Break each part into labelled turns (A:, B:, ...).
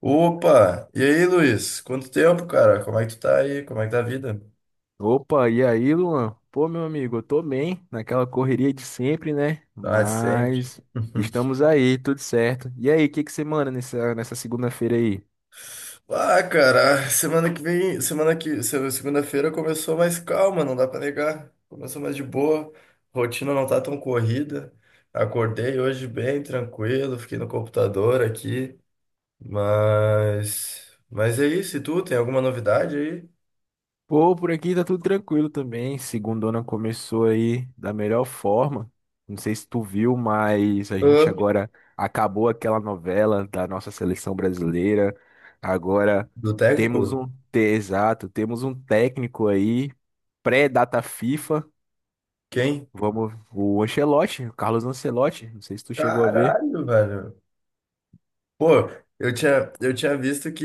A: Opa! E aí, Luiz? Quanto tempo, cara? Como é que tu tá aí? Como é que tá a vida?
B: Opa, e aí, Luan? Pô, meu amigo, eu tô bem, naquela correria de sempre, né?
A: Ah, de sempre.
B: Mas estamos aí, tudo certo. E aí, o que que você manda nessa segunda-feira aí?
A: Ah, cara, semana que vem, semana que, se- segunda-feira começou mais calma, não dá pra negar. Começou mais de boa, rotina não tá tão corrida. Acordei hoje bem tranquilo, fiquei no computador aqui, mas é isso. E tu tem alguma novidade aí?
B: Pô, por aqui tá tudo tranquilo também. Segundona começou aí da melhor forma. Não sei se tu viu, mas a gente
A: Hã?
B: agora acabou aquela novela da nossa seleção brasileira. Agora
A: Do técnico?
B: exato, temos um técnico aí, pré-data FIFA.
A: Quem?
B: Vamos, o Ancelotti, o Carlos Ancelotti, não sei se tu chegou a ver.
A: Caralho, velho. Pô, eu tinha visto que,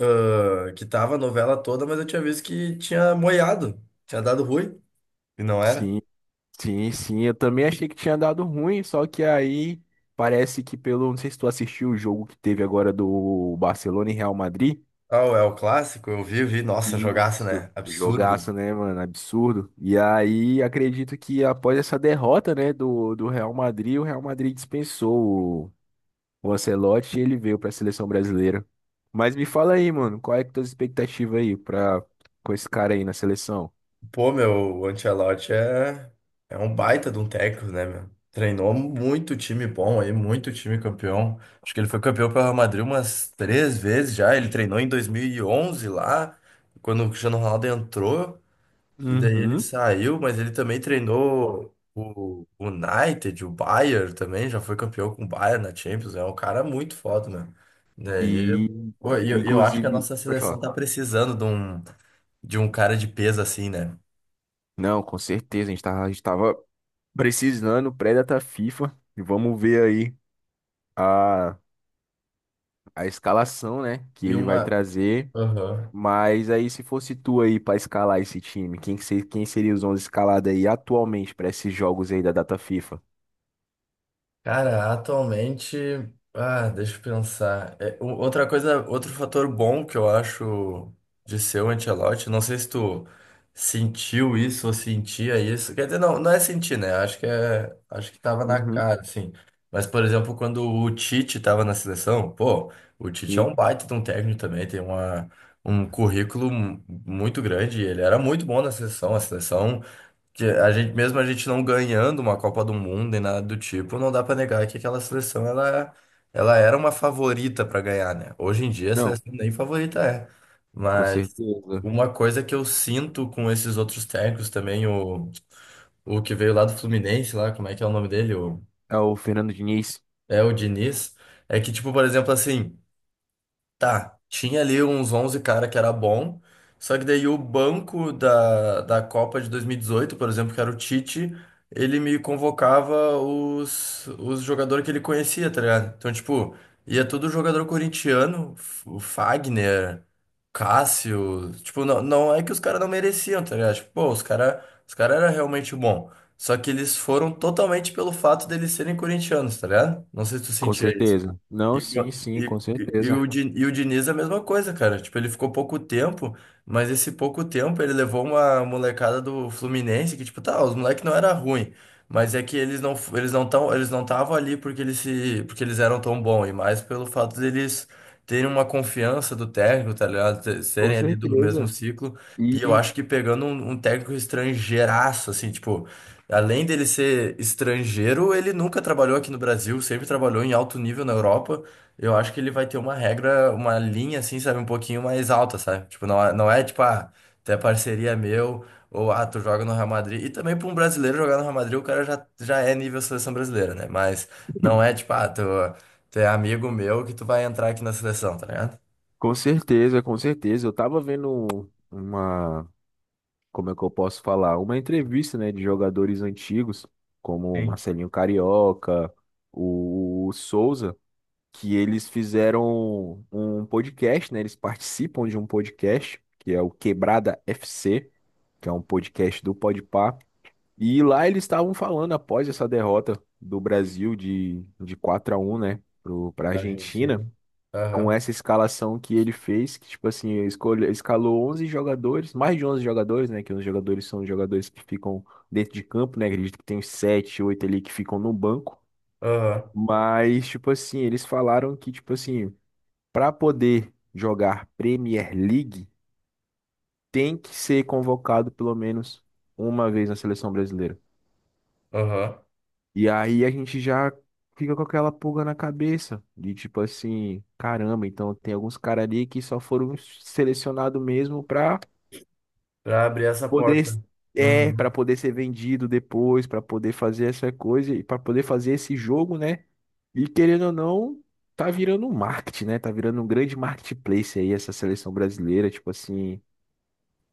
A: que tava a novela toda, mas eu tinha visto que tinha moiado, tinha dado ruim, e não era.
B: Sim, sim, sim, eu também achei que tinha dado ruim, só que aí parece que pelo, não sei se tu assistiu o jogo que teve agora do Barcelona e Real Madrid.
A: Ah, é o clássico, eu vi, vi, nossa, jogaço,
B: Isso.
A: né? Absurdo.
B: Jogaço, né, mano? Absurdo. E aí, acredito que após essa derrota, né, do Real Madrid, o Real Madrid dispensou o Ancelotti e ele veio pra seleção brasileira. Mas me fala aí, mano, qual é que tua expectativa aí pra, com esse cara aí na seleção?
A: Pô, meu, o Ancelotti é um baita de um técnico, né, meu? Treinou muito time bom aí, muito time campeão. Acho que ele foi campeão pelo Real Madrid umas três vezes já. Ele treinou em 2011 lá, quando o Cristiano Ronaldo entrou. E daí ele
B: Uhum.
A: saiu, mas ele também treinou o United, o Bayern também, já foi campeão com o Bayern na Champions. É um cara muito foda, né? Daí,
B: E,
A: pô, e eu acho que a
B: inclusive,
A: nossa
B: pode
A: seleção
B: falar.
A: tá precisando de um cara de peso assim, né?
B: Não, com certeza, a gente tava precisando pré-data FIFA. E vamos ver aí a, a escalação, né, que
A: E
B: ele vai
A: uma.
B: trazer.
A: Aham.
B: Mas aí, se fosse tu aí pra escalar esse time, quem, que ser, quem seria os 11 escalados aí atualmente pra esses jogos aí da data FIFA?
A: Cara, atualmente, deixa eu pensar. É, outra coisa, outro fator bom que eu acho de ser o Ancelotti, não sei se tu sentiu isso ou sentia isso. Quer dizer, não, não é sentir, né? Acho que tava na
B: Uhum.
A: cara, assim. Mas, por exemplo, quando o Tite tava na seleção, pô, o Tite é
B: Sim.
A: um baita de um técnico também, tem um currículo muito grande. Ele era muito bom na seleção. Que a gente, mesmo a gente não ganhando uma Copa do Mundo nem nada do tipo, não dá pra negar que aquela seleção ela, ela era uma favorita pra ganhar, né? Hoje em dia a
B: Não,
A: seleção nem favorita é.
B: com
A: Mas
B: certeza.
A: uma coisa que eu sinto com esses outros técnicos também, o que veio lá do Fluminense, lá, como é que é o nome dele?
B: É o Fernando Diniz?
A: É o Diniz. É que, tipo, por exemplo, assim. Tá, tinha ali uns 11 cara que era bom, só que daí o banco da Copa de 2018, por exemplo, que era o Tite, ele me convocava os jogadores que ele conhecia, tá ligado? Então, tipo, ia todo jogador corintiano, o Fagner, Cássio, tipo, não, não é que os caras não mereciam, tá ligado? Tipo, pô, os cara eram realmente bom, só que eles foram totalmente pelo fato deles serem corintianos, tá ligado? Não sei se tu
B: Com
A: sentia.
B: certeza.
A: e,
B: Não, sim, com
A: e- e- e
B: certeza.
A: o, Di- e o Diniz é a mesma coisa, cara. Tipo, ele ficou pouco tempo, mas esse pouco tempo ele levou uma molecada do Fluminense que, tipo, tá, os moleques não era ruim, mas é que eles não estavam ali porque eles se, porque eles eram tão bons, e mais pelo fato deles terem uma confiança do técnico, tá ligado?
B: Com
A: Serem ali do mesmo
B: certeza.
A: ciclo. E eu
B: E,
A: acho que pegando um técnico estrangeiraço, assim, tipo, além dele ser estrangeiro, ele nunca trabalhou aqui no Brasil, sempre trabalhou em alto nível na Europa. Eu acho que ele vai ter uma regra, uma linha assim, sabe, um pouquinho mais alta, sabe? Tipo, não, não é tipo, ah, tu é parceria meu, ou ah, tu joga no Real Madrid. E também pra um brasileiro jogar no Real Madrid, o cara já é nível seleção brasileira, né? Mas não é tipo, ah, tu é amigo meu que tu vai entrar aqui na seleção, tá ligado?
B: Com certeza, com certeza. Eu tava vendo uma, como é que eu posso falar? Uma entrevista, né, de jogadores antigos, como o
A: Sim,
B: Marcelinho Carioca, o Souza, que eles fizeram um podcast, né? Eles participam de um podcast, que é o Quebrada FC, que é um podcast do Podpah. E lá eles estavam falando após essa derrota do Brasil de 4 a 1 né, para a
A: da Argentina.
B: Argentina com
A: Aham,
B: essa escalação que ele fez, que tipo assim, escolhe, escalou 11 jogadores, mais de 11 jogadores, né, que os jogadores são os jogadores que ficam dentro de campo, né, acredito que tem uns 7 8 ali que ficam no banco,
A: aham,
B: mas tipo assim, eles falaram que tipo assim, para poder jogar Premier League, tem que ser convocado pelo menos uma vez na seleção brasileira.
A: aham.
B: E aí a gente já fica com aquela pulga na cabeça de tipo assim, caramba, então tem alguns caras ali que só foram selecionados mesmo pra
A: Pra abrir essa
B: poder
A: porta.
B: é, para
A: Uhum.
B: poder ser vendido depois, pra poder fazer essa coisa e pra poder fazer esse jogo, né? E querendo ou não, tá virando um marketing, né? Tá virando um grande marketplace aí essa seleção brasileira, tipo assim,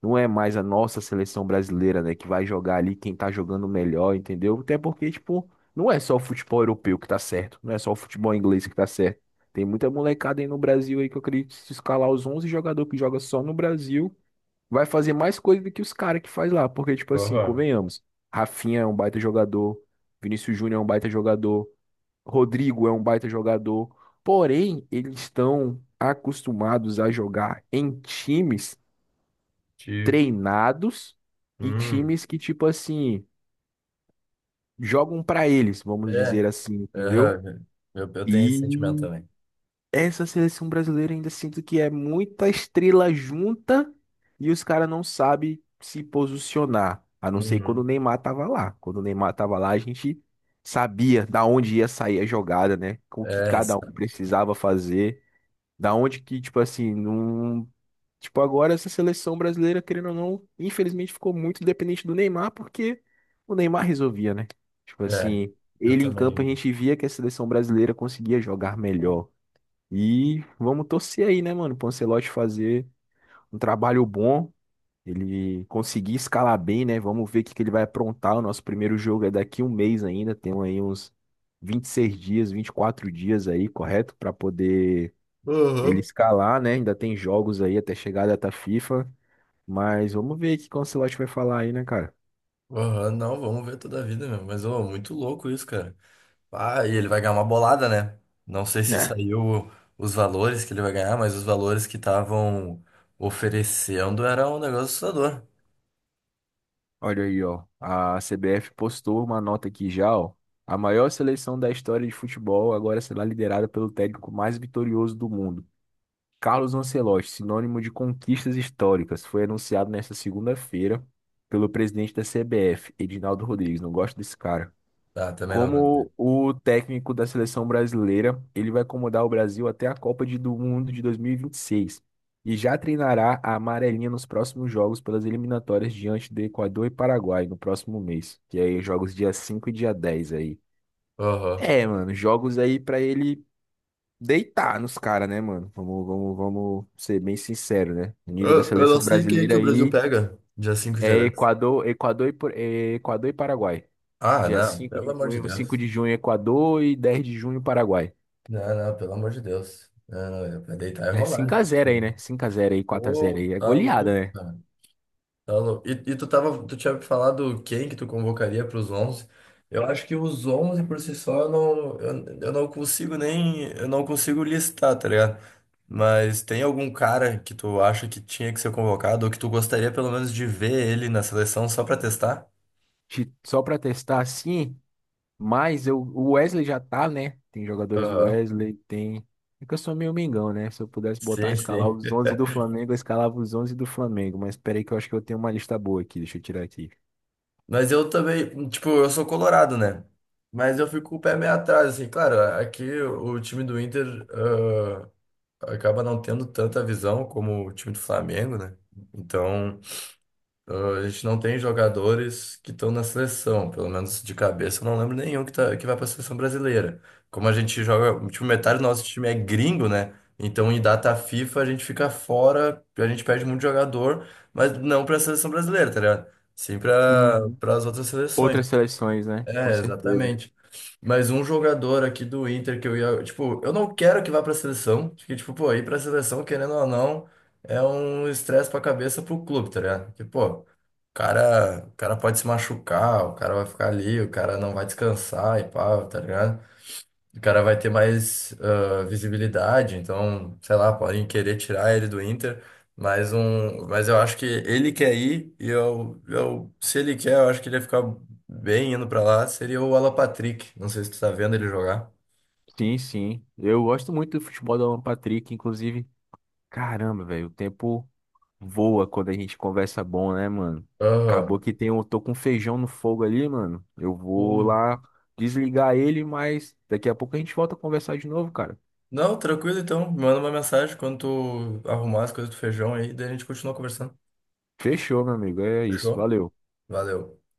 B: não é mais a nossa seleção brasileira, né, que vai jogar ali quem tá jogando melhor, entendeu? Até porque, tipo, não é só o futebol europeu que tá certo, não é só o futebol inglês que tá certo. Tem muita molecada aí no Brasil aí que eu acredito que se escalar os 11 jogadores que joga só no Brasil, vai fazer mais coisa do que os caras que faz lá, porque, tipo assim,
A: Aham.
B: convenhamos, Rafinha é um baita jogador, Vinícius Júnior é um baita jogador, Rodrigo é um baita jogador, porém, eles estão acostumados a jogar em times
A: Te...
B: treinados e
A: Hum.
B: times que, tipo assim, jogam pra eles, vamos
A: É,
B: dizer assim, entendeu?
A: aham. Eu tenho esse sentimento
B: E
A: também.
B: essa seleção brasileira ainda sinto que é muita estrela junta e os caras não sabem se posicionar. A não ser quando o
A: Uhum.
B: Neymar tava lá. Quando o Neymar tava lá, a gente sabia da onde ia sair a jogada, né? O que
A: É,
B: cada um
A: sabe?
B: precisava fazer. Da onde que, tipo assim, não. Tipo, agora essa seleção brasileira, querendo ou não, infelizmente ficou muito dependente do Neymar, porque o Neymar resolvia, né? Tipo
A: É,
B: assim,
A: eu
B: ele em campo a
A: também.
B: gente via que a seleção brasileira conseguia jogar melhor. E vamos torcer aí, né, mano, pro Ancelotti fazer um trabalho bom, ele conseguir escalar bem, né? Vamos ver o que que ele vai aprontar. O nosso primeiro jogo é daqui um mês ainda, tem aí uns 26 dias, 24 dias aí, correto? Pra poder ele
A: Aham.
B: escalar, né? Ainda tem jogos aí até chegar a data FIFA. Mas vamos ver o que o Ancelotti vai falar aí, né, cara?
A: Aham, não, vamos ver toda a vida mesmo. Mas, ô, muito louco isso, cara. Ah, e ele vai ganhar uma bolada, né? Não sei se
B: É.
A: saiu os valores que ele vai ganhar, mas os valores que estavam oferecendo era um negócio assustador.
B: Olha aí, ó. A CBF postou uma nota aqui já, ó. A maior seleção da história de futebol agora será liderada pelo técnico mais vitorioso do mundo. Carlos Ancelotti, sinônimo de conquistas históricas, foi anunciado nesta segunda-feira pelo presidente da CBF, Edinaldo Rodrigues. Não gosto desse cara.
A: Ah, também não vai ter.
B: Como o técnico da seleção brasileira, ele vai comandar o Brasil até a Copa de- do Mundo de dois mil e vinte e seis e já treinará a amarelinha nos próximos jogos pelas eliminatórias diante do Equador e Paraguai no próximo mês, que aí jogos dia 5 e dia 10 aí.
A: Aham.
B: É, mano, jogos aí pra ele deitar nos caras, né, mano? Vamos ser bem sincero, né? O nível da
A: Eu não
B: seleção
A: sei quem é que
B: brasileira
A: o Brasil
B: aí
A: pega dia 5 e dia
B: é
A: 10.
B: Equador, Equador e, Por- é Equador e Paraguai.
A: Ah,
B: Dia
A: não,
B: 5
A: pelo
B: de
A: amor de
B: junho, 5
A: Deus.
B: de junho Equador e 10 de junho Paraguai.
A: Não, não, pelo amor de Deus. Não, não, é pra deitar e
B: É
A: rolar,
B: cinco a
A: gente.
B: zero aí, né? 5 a 0 aí, 4 a 0
A: Pô,
B: aí. É
A: tá
B: goleada,
A: louco.
B: né?
A: Tá louco. E tu tinha falado quem que tu convocaria para os 11. Eu acho que os 11 por si só eu não consigo nem, eu não consigo listar, tá ligado? Mas tem algum cara que tu acha que tinha que ser convocado ou que tu gostaria pelo menos de ver ele na seleção só pra testar?
B: Só pra testar assim, mas eu, o Wesley já tá, né? Tem jogadores do
A: Aham.
B: Wesley, tem. É que eu sou meio mengão, né? Se eu pudesse botar,
A: Sim,
B: escalar
A: sim.
B: os 11 do Flamengo, eu escalava os 11 do Flamengo. Mas peraí que eu acho que eu tenho uma lista boa aqui, deixa eu tirar aqui.
A: Mas eu também, tipo, eu sou colorado, né? Mas eu fico com o pé meio atrás, assim, claro, aqui o time do Inter acaba não tendo tanta visão como o time do Flamengo, né? Então, a gente não tem jogadores que estão na seleção, pelo menos de cabeça, eu não lembro nenhum que, tá, que vai para a seleção brasileira. Como a gente joga, tipo, metade do nosso time é gringo, né? Então, em data FIFA, a gente fica fora, a gente perde muito jogador, mas não para a seleção brasileira, tá ligado? Sim, para
B: Uhum.
A: para as outras seleções.
B: Outras seleções, né? Com
A: É,
B: certeza.
A: exatamente. Mas um jogador aqui do Inter que eu ia. Tipo, eu não quero que vá pra seleção. Porque, tipo, pô, ir pra seleção, querendo ou não, é um estresse pra cabeça pro clube, tá ligado? Porque, pô, o cara pode se machucar, o cara vai ficar ali, o cara não vai descansar e pá, tá ligado? O cara vai ter mais visibilidade, então, sei lá, podem querer tirar ele do Inter, mas eu acho que ele quer ir e se ele quer, eu acho que ele ia ficar bem indo pra lá, seria o Alapatrick. Não sei se tu tá vendo ele jogar.
B: Sim, sim. Eu gosto muito do futebol do Alan Patrick, inclusive. Caramba, velho, o tempo voa quando a gente conversa bom, né, mano? Acabou
A: Aham.
B: que tem um, tô com um feijão no fogo ali, mano. Eu vou
A: Pô.
B: lá desligar ele, mas daqui a pouco a gente volta a conversar de novo, cara.
A: Não, tranquilo então. Me manda uma mensagem quando tu arrumar as coisas do feijão aí, daí a gente continua conversando.
B: Fechou, meu amigo. É isso.
A: Fechou?
B: Valeu.
A: Valeu.